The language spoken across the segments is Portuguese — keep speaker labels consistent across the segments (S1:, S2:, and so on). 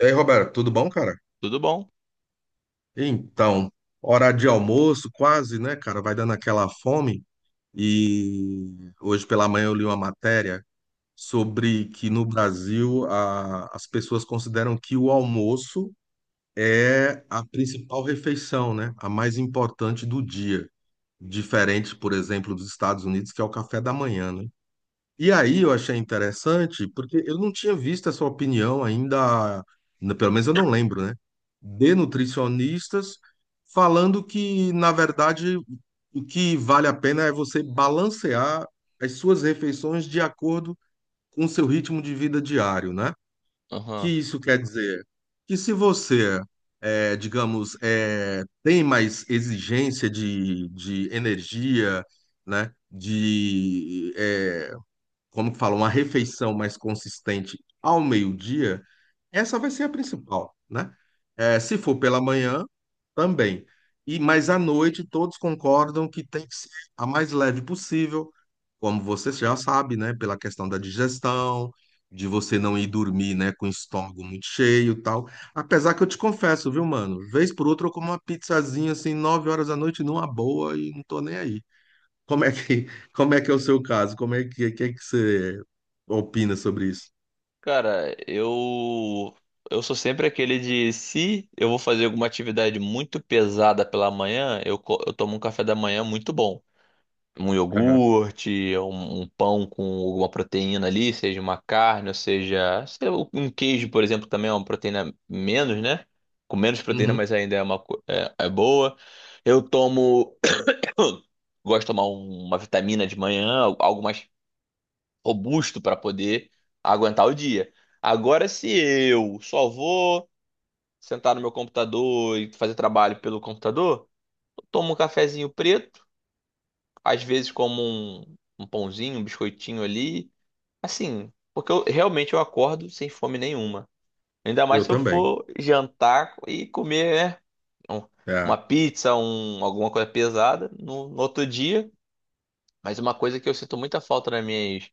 S1: E aí, Roberto, tudo bom, cara?
S2: Tudo bom?
S1: Então, hora de almoço, quase, né, cara? Vai dando aquela fome. E hoje pela manhã eu li uma matéria sobre que no Brasil as pessoas consideram que o almoço é a principal refeição, né? A mais importante do dia. Diferente, por exemplo, dos Estados Unidos, que é o café da manhã, né? E aí eu achei interessante, porque eu não tinha visto essa opinião ainda, pelo menos eu não lembro, né? De nutricionistas falando que, na verdade, o que vale a pena é você balancear as suas refeições de acordo com o seu ritmo de vida diário, né? Que
S2: Aham.
S1: isso quer dizer que se você, digamos, tem mais exigência de energia, né? Como que fala, uma refeição mais consistente ao meio-dia, essa vai ser a principal, né? Se for pela manhã, também. E mas à noite todos concordam que tem que ser a mais leve possível, como você já sabe, né? Pela questão da digestão, de você não ir dormir, né? Com o estômago muito cheio, e tal. Apesar que eu te confesso, viu, mano? Vez por outra eu como uma pizzazinha assim 9 horas da noite numa boa e não tô nem aí. Como é que, Como é que é o seu caso? Que é que você opina sobre isso?
S2: Cara, eu sou sempre aquele de se eu vou fazer alguma atividade muito pesada pela manhã, eu tomo um café da manhã muito bom. Um
S1: Aham.
S2: iogurte, um pão com alguma proteína ali, seja uma carne, ou seja, sei lá, um queijo, por exemplo, também é uma proteína menos, né? Com menos proteína,
S1: Uhum.
S2: mas ainda é uma é boa. Eu tomo gosto de tomar uma vitamina de manhã, algo mais robusto para poder aguentar o dia. Agora, se eu só vou sentar no meu computador e fazer trabalho pelo computador, eu tomo um cafezinho preto, às vezes como um pãozinho, um biscoitinho ali, assim, porque eu realmente eu acordo sem fome nenhuma. Ainda mais
S1: Eu
S2: se eu
S1: também.
S2: for jantar e comer, né, um- uma
S1: É.
S2: pizza, um, alguma coisa pesada no outro dia. Mas uma coisa que eu sinto muita falta nas minhas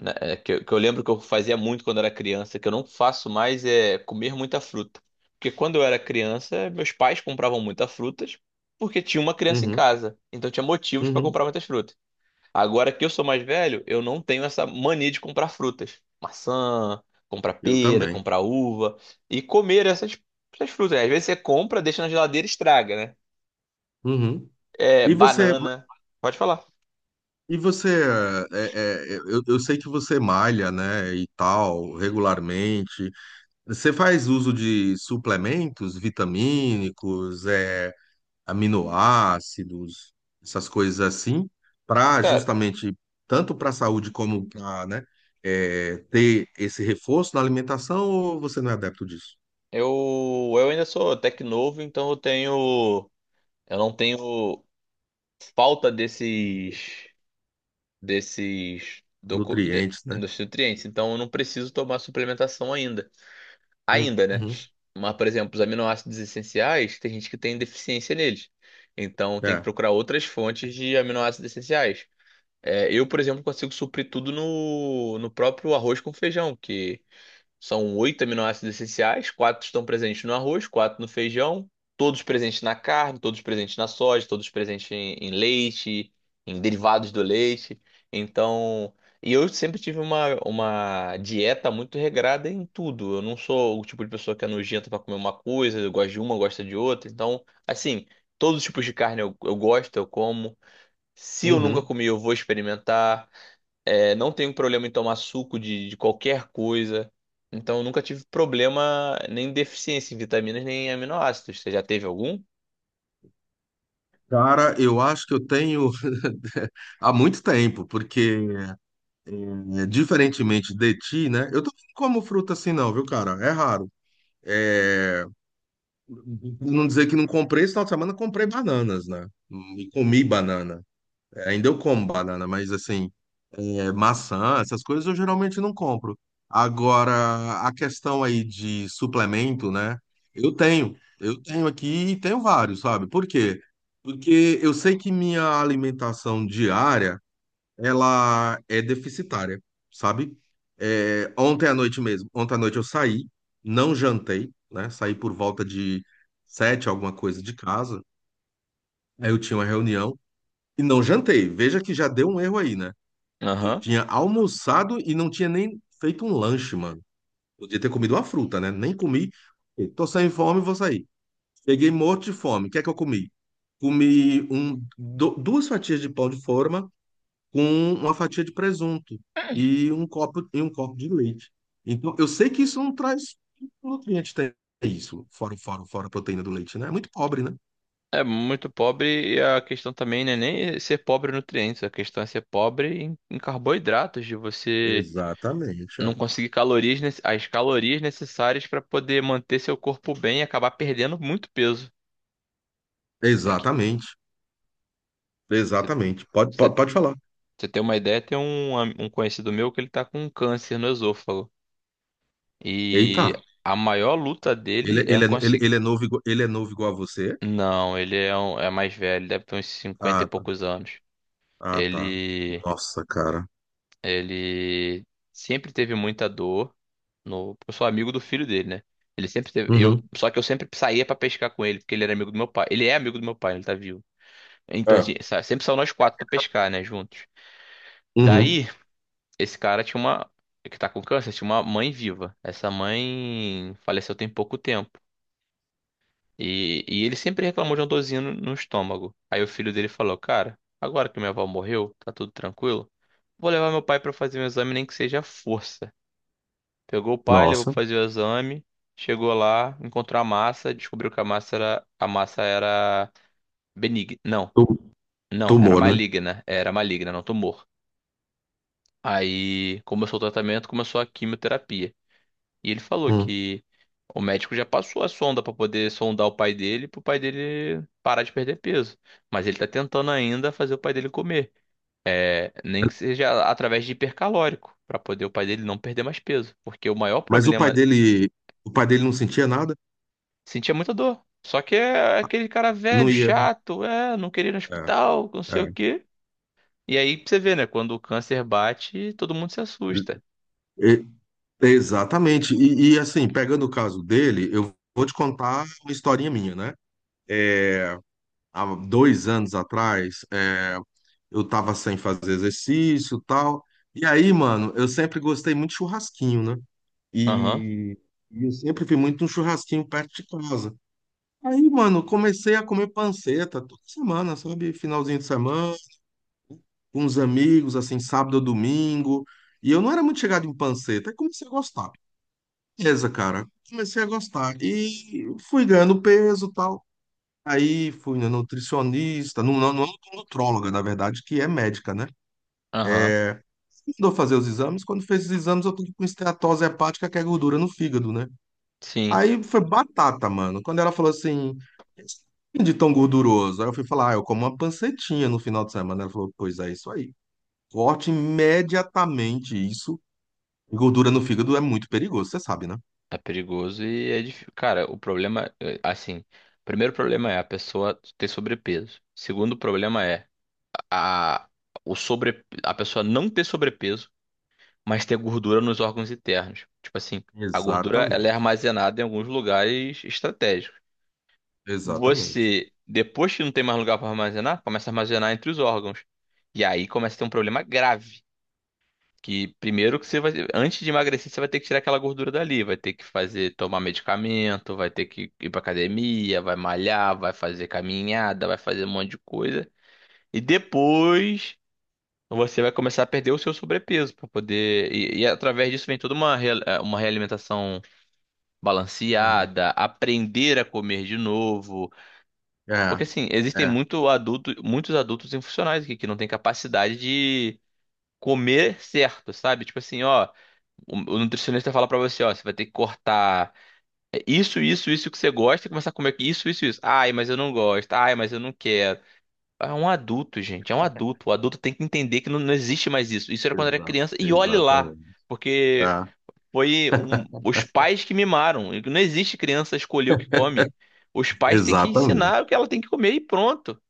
S2: né, é, que eu lembro que eu fazia muito quando era criança, que eu não faço mais é comer muita fruta. Porque quando eu era criança, meus pais compravam muitas frutas porque tinha uma criança em
S1: Uhum.
S2: casa. Então tinha motivos para
S1: Uhum.
S2: comprar muitas frutas. Agora que eu sou mais velho, eu não tenho essa mania de comprar frutas. Maçã, comprar
S1: Eu
S2: pera,
S1: também.
S2: comprar uva e comer essas frutas, né? Às vezes você compra, deixa na geladeira e estraga, né?
S1: Uhum.
S2: É,
S1: E você,
S2: banana. Pode falar.
S1: e você, eu sei que você malha, né, e tal, regularmente. Você faz uso de suplementos vitamínicos, aminoácidos, essas coisas assim, para
S2: Cara,
S1: justamente, tanto para a saúde como para, né, ter esse reforço na alimentação, ou você não é adepto disso?
S2: eu ainda sou até que novo, então eu tenho. Eu não tenho falta desses
S1: Nutrientes, né?
S2: dos nutrientes, então eu não preciso tomar suplementação ainda. Ainda, né?
S1: Uhum.
S2: Mas, por exemplo, os aminoácidos essenciais, tem gente que tem deficiência neles. Então tem que
S1: É.
S2: procurar outras fontes de aminoácidos essenciais. É, eu, por exemplo, consigo suprir tudo no próprio arroz com feijão, que são oito aminoácidos essenciais, quatro estão presentes no arroz, quatro no feijão, todos presentes na carne, todos presentes na soja, todos presentes em leite, em derivados do leite. Então, e eu sempre tive uma dieta muito regrada em tudo. Eu não sou o tipo de pessoa que é nojenta para comer uma coisa, eu gosto de uma, gosto de outra. Então, assim, todos os tipos de carne eu gosto, eu como. Se eu nunca
S1: Uhum.
S2: comi, eu vou experimentar. É, não tenho problema em tomar suco de qualquer coisa. Então, eu nunca tive problema nem deficiência em vitaminas nem em aminoácidos. Você já teve algum?
S1: Cara, eu acho que eu tenho há muito tempo, porque diferentemente de ti, né? Eu também não como fruta assim não, viu, cara? É raro. É, não dizer que não comprei, esse final de semana eu comprei bananas, né? E comi banana. Ainda eu como banana, mas assim, maçã, essas coisas eu geralmente não compro. Agora, a questão aí de suplemento, né? Eu tenho. Eu tenho aqui e tenho vários, sabe? Por quê? Porque eu sei que minha alimentação diária, ela é deficitária, sabe? Ontem à noite mesmo, ontem à noite eu saí, não jantei, né? Saí por volta de 7, alguma coisa de casa. Aí eu tinha uma reunião e não jantei. Veja que já deu um erro aí, né? Eu
S2: Aham.
S1: tinha almoçado e não tinha nem feito um lanche, mano. Podia ter comido uma fruta, né? Nem comi. Tô sem fome, vou sair. Cheguei morto de fome. O que é que eu comi? Comi duas fatias de pão de forma com uma fatia de presunto e um copo de leite. Então, eu sei que isso não traz nutriente, tem isso. Fora a proteína do leite, né? É muito pobre, né?
S2: É muito pobre e a questão também não é nem ser pobre em nutrientes, a questão é ser pobre em carboidratos, de você
S1: Exatamente.
S2: não
S1: É.
S2: conseguir calorias, as calorias necessárias para poder manter seu corpo bem e acabar perdendo muito peso. É que
S1: Exatamente.
S2: você
S1: Pode, pode,
S2: você-
S1: pode falar.
S2: você tem uma ideia, tem um conhecido meu que ele tá com câncer no esôfago. E
S1: Eita.
S2: a maior luta
S1: Ele,
S2: dele é
S1: ele, é, ele,
S2: conseguir.
S1: ele é novo, ele é novo igual a você?
S2: Não, é mais velho, deve ter uns cinquenta e
S1: Ah, tá.
S2: poucos anos.
S1: Ah, tá.
S2: Ele,
S1: Nossa, cara.
S2: ele sempre teve muita dor no. Eu sou amigo do filho dele, né? Ele sempre teve. Eu,
S1: Uhum.
S2: só que eu sempre saía pra pescar com ele, porque ele era amigo do meu pai. Ele é amigo do meu pai, ele tá vivo. Então, assim,
S1: É.
S2: sempre são nós quatro pra pescar, né, juntos.
S1: Uhum.
S2: Daí, esse cara tinha uma. Que tá com câncer, tinha uma mãe viva. Essa mãe faleceu tem pouco tempo. E ele sempre reclamou de uma dorzinha no estômago. Aí o filho dele falou: "Cara, agora que minha avó morreu, tá tudo tranquilo, vou levar meu pai pra fazer um exame, nem que seja à força." Pegou o pai, levou pra
S1: Nossa.
S2: fazer o exame, chegou lá, encontrou a massa, descobriu que a massa era benigna. Não,
S1: Tu-
S2: não,
S1: Tumor, né?
S2: era maligna, não tumor. Aí começou o tratamento, começou a quimioterapia. E ele falou
S1: Hum.
S2: que o médico já passou a sonda pra poder sondar o pai dele, pro pai dele parar de perder peso. Mas ele tá tentando ainda fazer o pai dele comer. É, nem que seja através de hipercalórico, pra poder o pai dele não perder mais peso. Porque o maior
S1: Mas
S2: problema,
S1: o pai dele não sentia nada?
S2: sentia muita dor. Só que é aquele cara velho,
S1: Não ia.
S2: chato, é, não querer ir no
S1: É,
S2: hospital, não sei o
S1: é.
S2: quê. E aí pra você vê, né? Quando o câncer bate, todo mundo se assusta.
S1: E- Exatamente. E, assim, pegando o caso dele, eu vou te contar uma historinha minha, né? É, Há 2 anos atrás. Eu tava sem fazer exercício, tal. E aí, mano, eu sempre gostei muito de churrasquinho, né?
S2: Aham,
S1: E, e eu sempre fui muito um churrasquinho perto de casa. Aí, mano, comecei a comer panceta toda semana, sabe? Finalzinho de semana, com os amigos, assim, sábado ou domingo. E eu não era muito chegado em panceta, aí comecei a gostar. Beleza, cara. Comecei a gostar. E fui ganhando peso e tal. Aí fui na nutricionista, numa nutróloga, na verdade, que é médica, né?
S2: aham,
S1: Mandou fazer os exames. Quando fez os exames, eu tô com esteatose hepática, que é gordura no fígado, né?
S2: sim.
S1: Aí foi batata, mano. Quando ela falou assim, de tão gorduroso. Aí eu fui falar, ah, eu como uma pancetinha no final de semana. Ela falou, pois é, isso aí. Corte imediatamente isso. Gordura no fígado é muito perigoso, você sabe, né?
S2: É perigoso e é difícil. Cara, o problema, é, assim, primeiro problema é a pessoa ter sobrepeso. Segundo problema é a, a pessoa não ter sobrepeso, mas ter gordura nos órgãos internos. Tipo assim, a gordura ela é
S1: Exatamente.
S2: armazenada em alguns lugares estratégicos.
S1: Exatamente.
S2: Você, depois que não tem mais lugar para armazenar, começa a armazenar entre os órgãos. E aí começa a ter um problema grave. Que primeiro que você vai, antes de emagrecer, você vai ter que tirar aquela gordura dali, vai ter que fazer, tomar medicamento, vai ter que ir pra academia, vai malhar, vai fazer caminhada, vai fazer um monte de coisa. E depois você vai começar a perder o seu sobrepeso para poder. E através disso vem toda uma uma realimentação
S1: Uhum.
S2: balanceada, aprender a comer de novo.
S1: É,
S2: Porque assim, existem
S1: é,
S2: muito adulto, muitos adultos infuncionais aqui que não têm capacidade de comer certo, sabe? Tipo assim, ó. O nutricionista fala pra você, ó, você vai ter que cortar é, isso que você gosta e começar a comer isso, isso, isso. Ai, mas eu não gosto. Ai, mas eu não quero. É um adulto, gente, é um adulto. O adulto tem que entender que não, não existe mais isso. Isso era quando era criança e olhe lá,
S1: Exatamente. É,
S2: porque foi os pais que mimaram. Não existe criança escolher o que come. Os pais têm que ensinar o
S1: exatamente.
S2: que ela tem que comer e pronto,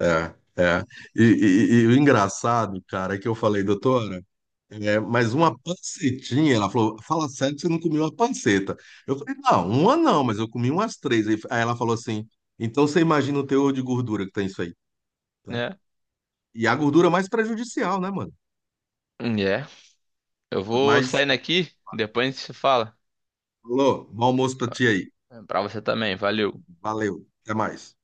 S1: É, é. E o engraçado, cara, é que eu falei, doutora, mas uma pancetinha, ela falou, fala sério que você não comeu uma panceta. Eu falei, não, uma não, mas eu comi umas três. Aí ela falou assim, então você imagina o teor de gordura que tem isso aí, né?
S2: né?
S1: E a gordura mais prejudicial, né, mano?
S2: É. Eu vou
S1: Mas,
S2: saindo aqui, depois a gente se fala.
S1: falou, bom almoço pra ti aí.
S2: Pra você também, valeu.
S1: Valeu, até mais.